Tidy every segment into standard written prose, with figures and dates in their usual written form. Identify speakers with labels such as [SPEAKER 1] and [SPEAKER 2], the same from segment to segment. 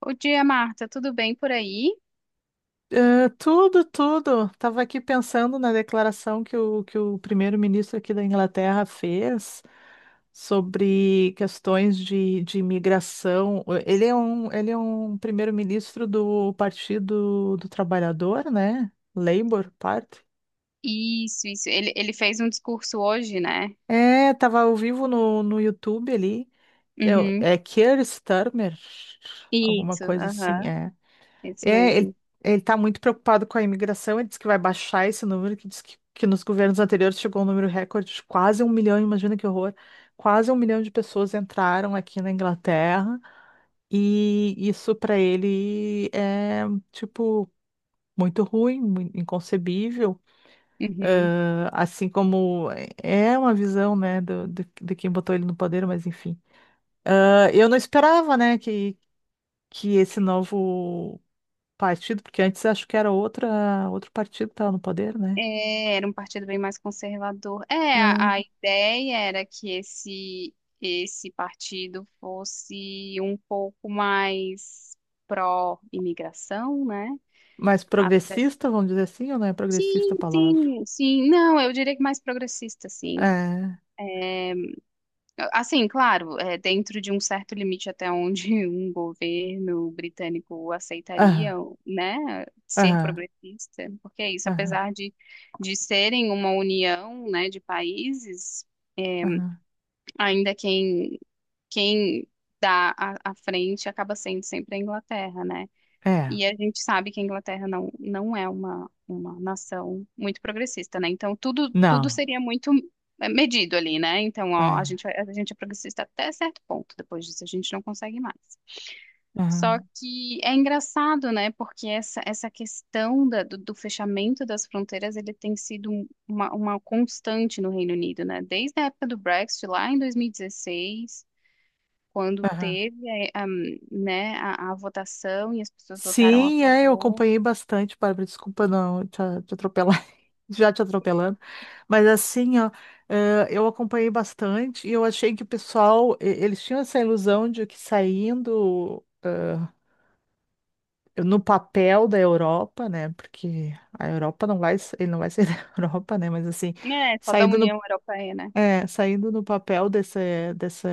[SPEAKER 1] O dia, Marta, tudo bem por aí?
[SPEAKER 2] Ah, tudo, tudo. Tava aqui pensando na declaração que o primeiro-ministro aqui da Inglaterra fez sobre questões de imigração. Ele é um primeiro-ministro do Partido do Trabalhador, né? Labour Party.
[SPEAKER 1] Isso. Ele fez um discurso hoje, né?
[SPEAKER 2] É, tava ao vivo no YouTube ali. É,
[SPEAKER 1] Uhum.
[SPEAKER 2] é Keir Starmer, alguma
[SPEAKER 1] Isso,
[SPEAKER 2] coisa
[SPEAKER 1] aham.
[SPEAKER 2] assim. É.
[SPEAKER 1] Isso
[SPEAKER 2] É, ele,
[SPEAKER 1] mesmo.
[SPEAKER 2] ele tá muito preocupado com a imigração, ele diz que vai baixar esse número, que diz que nos governos anteriores chegou um número recorde de quase um milhão, imagina que horror. Quase um milhão de pessoas entraram aqui na Inglaterra, e isso para ele é, tipo, muito ruim, inconcebível.
[SPEAKER 1] Uhum.
[SPEAKER 2] Ah, Assim como é uma visão, né, de quem botou ele no poder, mas enfim. Eu não esperava, né, que esse novo partido, porque antes acho que era outra, outro partido que estava no poder, né?
[SPEAKER 1] É, era um partido bem mais conservador. É, a,
[SPEAKER 2] Ah,
[SPEAKER 1] a ideia era que esse partido fosse um pouco mais pró-imigração, né?
[SPEAKER 2] mas
[SPEAKER 1] Até-
[SPEAKER 2] progressista, vamos dizer assim, ou não é progressista a
[SPEAKER 1] Sim,
[SPEAKER 2] palavra?
[SPEAKER 1] sim, sim. Não, eu diria que mais progressista, sim.
[SPEAKER 2] É.
[SPEAKER 1] Assim, claro, é, dentro de um certo limite até onde um governo britânico
[SPEAKER 2] Aham,
[SPEAKER 1] aceitaria, né, ser
[SPEAKER 2] aham,
[SPEAKER 1] progressista, porque é isso,
[SPEAKER 2] aham,
[SPEAKER 1] apesar de serem uma união, né, de países,
[SPEAKER 2] aham.
[SPEAKER 1] ainda quem dá a frente acaba sendo sempre a Inglaterra, né?
[SPEAKER 2] É.
[SPEAKER 1] E a gente sabe que a Inglaterra não é uma nação muito progressista, né? Então, tudo
[SPEAKER 2] Não.
[SPEAKER 1] seria muito medido ali, né? Então, ó, a
[SPEAKER 2] É.
[SPEAKER 1] gente, a gente é progressista até certo ponto, depois disso a gente não consegue mais. Só
[SPEAKER 2] Aham,
[SPEAKER 1] que é engraçado, né? Porque essa questão do fechamento das fronteiras, ele tem sido uma constante no Reino Unido, né? Desde a época do Brexit, lá em 2016, quando
[SPEAKER 2] aham.
[SPEAKER 1] teve, a, né, a votação e as pessoas votaram a
[SPEAKER 2] Sim, é, eu
[SPEAKER 1] favor.
[SPEAKER 2] acompanhei bastante, Bárbara, desculpa não te atropelar, já te atropelando, mas assim, ó, eu acompanhei bastante e eu achei que o pessoal, eles tinham essa ilusão de que saindo no papel da Europa, né? Porque a Europa não vai, ele não vai sair da Europa, né? Mas assim,
[SPEAKER 1] É, só da
[SPEAKER 2] saindo no,
[SPEAKER 1] União Europeia, né?
[SPEAKER 2] saindo no papel desse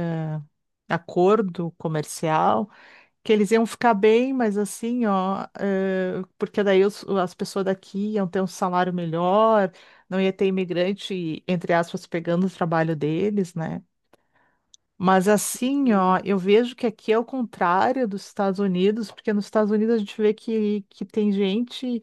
[SPEAKER 2] acordo comercial, que eles iam ficar bem, mas assim, ó, porque daí as pessoas daqui iam ter um salário melhor, não ia ter imigrante, entre aspas, pegando o trabalho deles, né? Mas assim, ó,
[SPEAKER 1] Hum.
[SPEAKER 2] eu vejo que aqui é o contrário dos Estados Unidos, porque nos Estados Unidos a gente vê que tem gente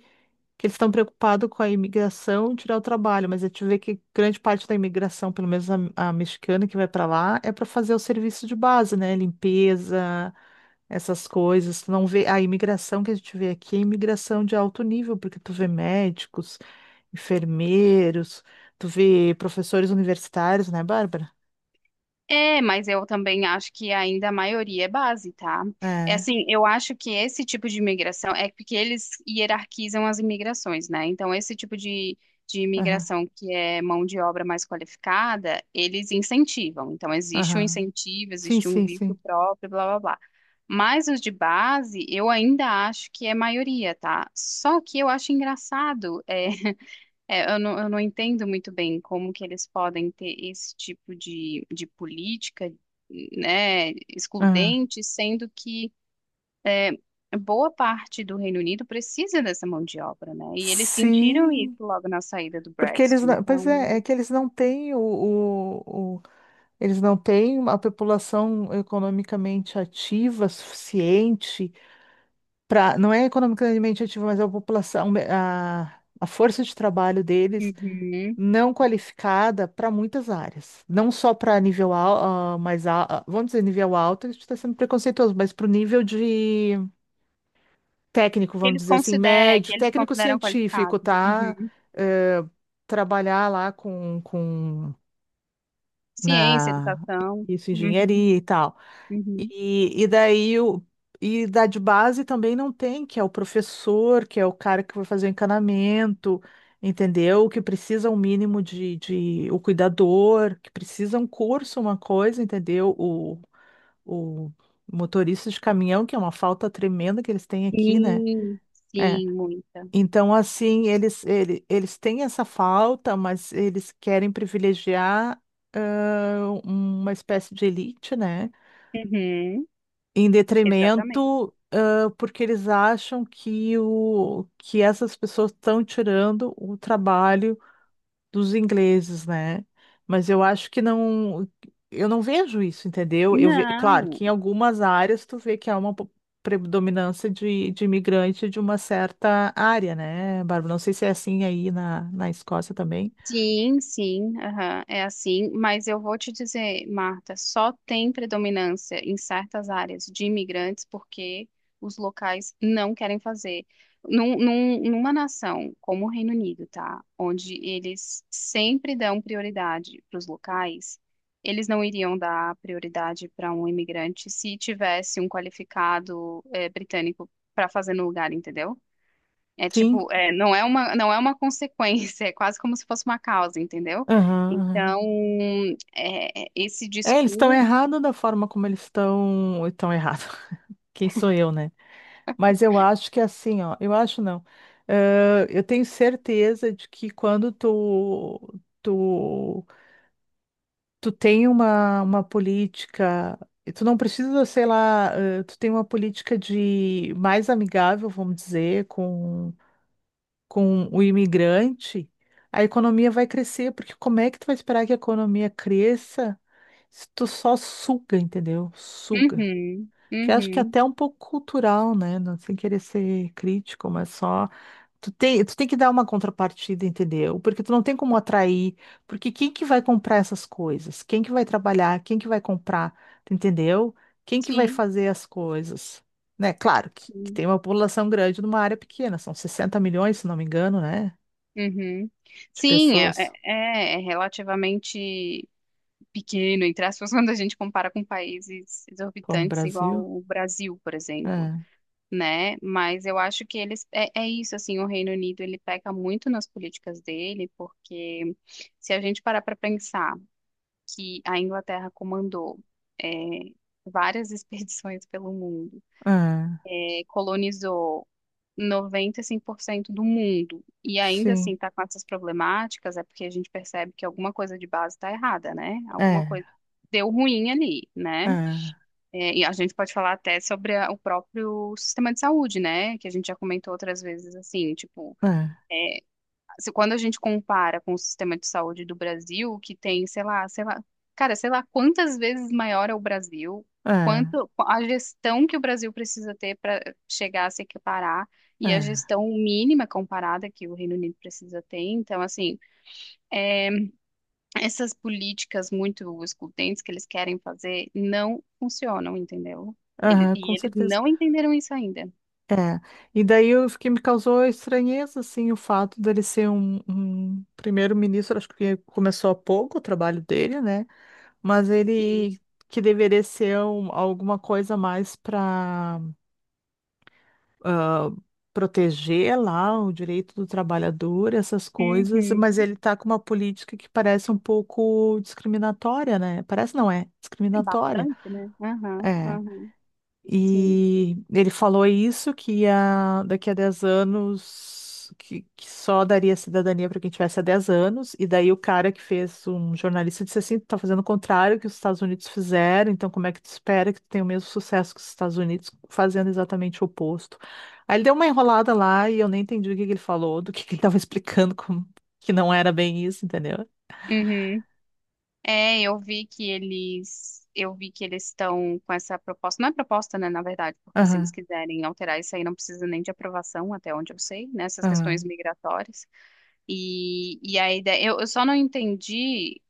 [SPEAKER 2] que eles estão preocupados com a imigração e tirar o trabalho, mas a gente vê que grande parte da imigração, pelo menos a mexicana que vai para lá, é para fazer o serviço de base, né? Limpeza, essas coisas. Tu não vê, a imigração que a gente vê aqui é imigração de alto nível, porque tu vê médicos, enfermeiros, tu vê professores universitários, né, Bárbara?
[SPEAKER 1] É, mas eu também acho que ainda a maioria é base, tá? É
[SPEAKER 2] É.
[SPEAKER 1] assim, eu acho que esse tipo de imigração é porque eles hierarquizam as imigrações, né? Então, esse tipo de
[SPEAKER 2] Aham,
[SPEAKER 1] imigração que é mão de obra mais qualificada, eles incentivam. Então, existe um
[SPEAKER 2] aham.
[SPEAKER 1] incentivo,
[SPEAKER 2] Sim,
[SPEAKER 1] existe um
[SPEAKER 2] sim,
[SPEAKER 1] visto
[SPEAKER 2] sim.
[SPEAKER 1] próprio, blá blá blá. Mas os de base, eu ainda acho que é maioria, tá? Só que eu acho engraçado. É É, eu não entendo muito bem como que eles podem ter esse tipo de política, né,
[SPEAKER 2] Ah,
[SPEAKER 1] excludente, sendo que é, boa parte do Reino Unido precisa dessa mão de obra, né? E eles sentiram isso
[SPEAKER 2] sim,
[SPEAKER 1] logo na saída do
[SPEAKER 2] porque eles
[SPEAKER 1] Brexit.
[SPEAKER 2] não, pois
[SPEAKER 1] Então,
[SPEAKER 2] é, é que eles não têm eles não têm uma população economicamente ativa suficiente para, não é economicamente ativa, mas é a população, a força de trabalho deles
[SPEAKER 1] uhum,
[SPEAKER 2] não qualificada para muitas áreas, não só para mais vamos dizer nível alto, a gente está sendo preconceituoso, mas para o nível de técnico, vamos dizer assim,
[SPEAKER 1] que
[SPEAKER 2] médio,
[SPEAKER 1] eles
[SPEAKER 2] técnico
[SPEAKER 1] consideram qualificado.
[SPEAKER 2] científico, tá?
[SPEAKER 1] Uhum.
[SPEAKER 2] Eh, trabalhar lá com
[SPEAKER 1] Ciência,
[SPEAKER 2] na
[SPEAKER 1] educação.
[SPEAKER 2] isso,
[SPEAKER 1] Uhum,
[SPEAKER 2] engenharia e tal.
[SPEAKER 1] uhum.
[SPEAKER 2] E daí o e da de base também não tem, que é o professor, que é o cara que vai fazer o encanamento, entendeu? Que precisa um mínimo de o cuidador, que precisa um curso, uma coisa, entendeu? O motorista de caminhão, que é uma falta tremenda que eles têm aqui, né?
[SPEAKER 1] Sim,
[SPEAKER 2] É.
[SPEAKER 1] sim, muita.
[SPEAKER 2] Então, assim, eles têm essa falta, mas eles querem privilegiar uma espécie de elite, né?
[SPEAKER 1] Uhum,
[SPEAKER 2] Em
[SPEAKER 1] exatamente.
[SPEAKER 2] detrimento, porque eles acham que essas pessoas estão tirando o trabalho dos ingleses, né? Mas eu acho que não, eu não vejo isso, entendeu? Claro
[SPEAKER 1] Não.
[SPEAKER 2] que em algumas áreas tu vê que há uma predominância de imigrante de uma certa área, né, Bárbara? Não sei se é assim aí na Escócia também.
[SPEAKER 1] Sim, sim, aham, é assim, mas eu vou te dizer, Marta, só tem predominância em certas áreas de imigrantes porque os locais não querem fazer. Numa nação como o Reino Unido, tá? Onde eles sempre dão prioridade para os locais, eles não iriam dar prioridade para um imigrante se tivesse um qualificado, britânico para fazer no lugar, entendeu? É tipo,
[SPEAKER 2] Sim.
[SPEAKER 1] é, não é uma consequência, é quase como se fosse uma causa, entendeu?
[SPEAKER 2] Aham, aham.
[SPEAKER 1] Então, é, esse
[SPEAKER 2] É, eles estão
[SPEAKER 1] discurso.
[SPEAKER 2] errados, da forma como eles estão errados. Quem sou eu, né? Mas eu acho que é assim, ó, eu acho não. Eu tenho certeza de que quando tu tu tem uma política, tu não precisa, sei lá, tu tem uma política de mais amigável, vamos dizer, com o imigrante, a economia vai crescer, porque como é que tu vai esperar que a economia cresça se tu só suga, entendeu? Suga.
[SPEAKER 1] Uhum,
[SPEAKER 2] Que acho que é
[SPEAKER 1] uhum,
[SPEAKER 2] até um pouco cultural, né? Não sem querer ser crítico, mas só. Tu tem que dar uma contrapartida, entendeu? Porque tu não tem como atrair, porque quem que vai comprar essas coisas? Quem que vai trabalhar? Quem que vai comprar? Tu entendeu? Quem que vai
[SPEAKER 1] sim.
[SPEAKER 2] fazer as coisas? Né? Claro que
[SPEAKER 1] Sim.
[SPEAKER 2] tem uma população grande numa área pequena, são 60 milhões, se não me engano, né?
[SPEAKER 1] Uhum.
[SPEAKER 2] De
[SPEAKER 1] Sim, é,
[SPEAKER 2] pessoas,
[SPEAKER 1] é relativamente pequeno, entre aspas, quando a gente compara com países
[SPEAKER 2] como o
[SPEAKER 1] exorbitantes, igual
[SPEAKER 2] Brasil.
[SPEAKER 1] o Brasil, por exemplo,
[SPEAKER 2] É,
[SPEAKER 1] né? Mas eu acho que eles, é, é isso, assim, o Reino Unido, ele peca muito nas políticas dele, porque se a gente parar para pensar, que a Inglaterra comandou é, várias expedições pelo mundo,
[SPEAKER 2] é,
[SPEAKER 1] é, colonizou 95% do mundo e ainda assim
[SPEAKER 2] sim,
[SPEAKER 1] está com essas problemáticas, é porque a gente percebe que alguma coisa de base está errada, né? Alguma
[SPEAKER 2] é,
[SPEAKER 1] coisa deu ruim ali, né?
[SPEAKER 2] é,
[SPEAKER 1] É, e a gente pode falar até sobre o próprio sistema de saúde, né? Que a gente já comentou outras vezes, assim, tipo,
[SPEAKER 2] é,
[SPEAKER 1] se quando a gente compara com o sistema de saúde do Brasil, que tem, sei lá, cara, sei lá quantas vezes maior é o Brasil,
[SPEAKER 2] é,
[SPEAKER 1] quanto a gestão que o Brasil precisa ter para chegar a se equiparar e a
[SPEAKER 2] é,
[SPEAKER 1] gestão mínima comparada que o Reino Unido precisa ter. Então, assim, essas políticas muito excludentes que eles querem fazer não funcionam, entendeu? Ele-
[SPEAKER 2] aham,
[SPEAKER 1] e
[SPEAKER 2] com
[SPEAKER 1] eles
[SPEAKER 2] certeza.
[SPEAKER 1] não entenderam isso ainda.
[SPEAKER 2] É, e daí o que me causou estranheza, assim, o fato dele ser um primeiro-ministro, acho que começou há pouco o trabalho dele, né? Mas ele que deveria ser alguma coisa mais para proteger lá o direito do trabalhador, essas coisas, mas
[SPEAKER 1] Uhum.
[SPEAKER 2] ele tá com uma política que parece um pouco discriminatória, né? Parece não, é discriminatória.
[SPEAKER 1] Bastante, né? Aham,
[SPEAKER 2] É.
[SPEAKER 1] aham, sim.
[SPEAKER 2] E ele falou isso, que ia, daqui a 10 anos, que só daria cidadania para quem tivesse há 10 anos. E daí o cara que fez, um jornalista, disse assim, tu tá fazendo o contrário que os Estados Unidos fizeram, então como é que tu espera que tu tenha o mesmo sucesso que os Estados Unidos, fazendo exatamente o oposto? Aí ele deu uma enrolada lá e eu nem entendi o que que ele falou, do que ele estava explicando, como, que não era bem isso, entendeu?
[SPEAKER 1] Uhum. É, eu vi que eles estão com essa proposta, não é proposta, né, na verdade, porque se eles
[SPEAKER 2] Aham,
[SPEAKER 1] quiserem alterar isso aí não precisa nem de aprovação, até onde eu sei, nessas questões
[SPEAKER 2] aham,
[SPEAKER 1] migratórias. E a ideia, eu só não entendi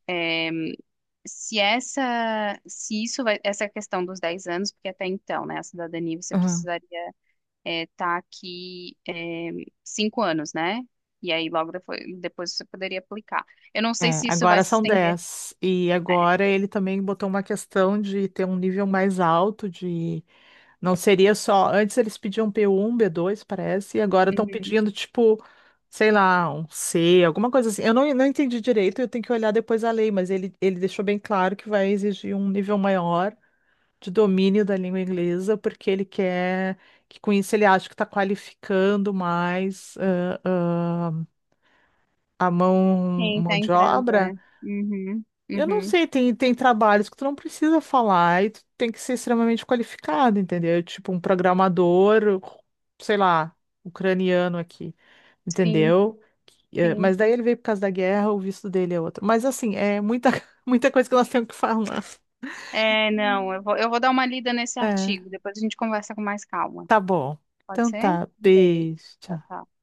[SPEAKER 1] se essa, se isso vai, essa questão dos 10 anos, porque até então, né, a cidadania você
[SPEAKER 2] aham.
[SPEAKER 1] precisaria estar aqui é, 5 anos, né? E aí depois você poderia aplicar. Eu não sei
[SPEAKER 2] É,
[SPEAKER 1] se isso
[SPEAKER 2] agora
[SPEAKER 1] vai se
[SPEAKER 2] são
[SPEAKER 1] estender.
[SPEAKER 2] 10. E agora ele também botou uma questão de ter um nível mais alto de. Não seria só. Antes eles pediam P1, B2 parece, e agora estão pedindo, tipo, sei lá, C1, alguma coisa assim. Eu não entendi direito, eu tenho que olhar depois a lei, mas ele deixou bem claro que vai exigir um nível maior de domínio da língua inglesa, porque ele quer que com isso ele acha que está qualificando mais a mão,
[SPEAKER 1] Quem
[SPEAKER 2] mão
[SPEAKER 1] tá
[SPEAKER 2] de
[SPEAKER 1] entrando, é.
[SPEAKER 2] obra.
[SPEAKER 1] Uhum,
[SPEAKER 2] Eu não
[SPEAKER 1] uhum.
[SPEAKER 2] sei, tem trabalhos que tu não precisa falar e tu tem que ser extremamente qualificado, entendeu? Tipo um programador, sei lá, ucraniano aqui,
[SPEAKER 1] Sim,
[SPEAKER 2] entendeu? Mas
[SPEAKER 1] sim.
[SPEAKER 2] daí ele veio por causa da guerra, o visto dele é outro. Mas assim, é muita, muita coisa que nós temos que falar.
[SPEAKER 1] É, não, eu vou dar uma lida nesse
[SPEAKER 2] É,
[SPEAKER 1] artigo, depois a gente conversa com mais calma.
[SPEAKER 2] tá bom.
[SPEAKER 1] Pode
[SPEAKER 2] Então
[SPEAKER 1] ser?
[SPEAKER 2] tá,
[SPEAKER 1] Um beijo.
[SPEAKER 2] beijo,
[SPEAKER 1] Tchau,
[SPEAKER 2] tchau.
[SPEAKER 1] tchau.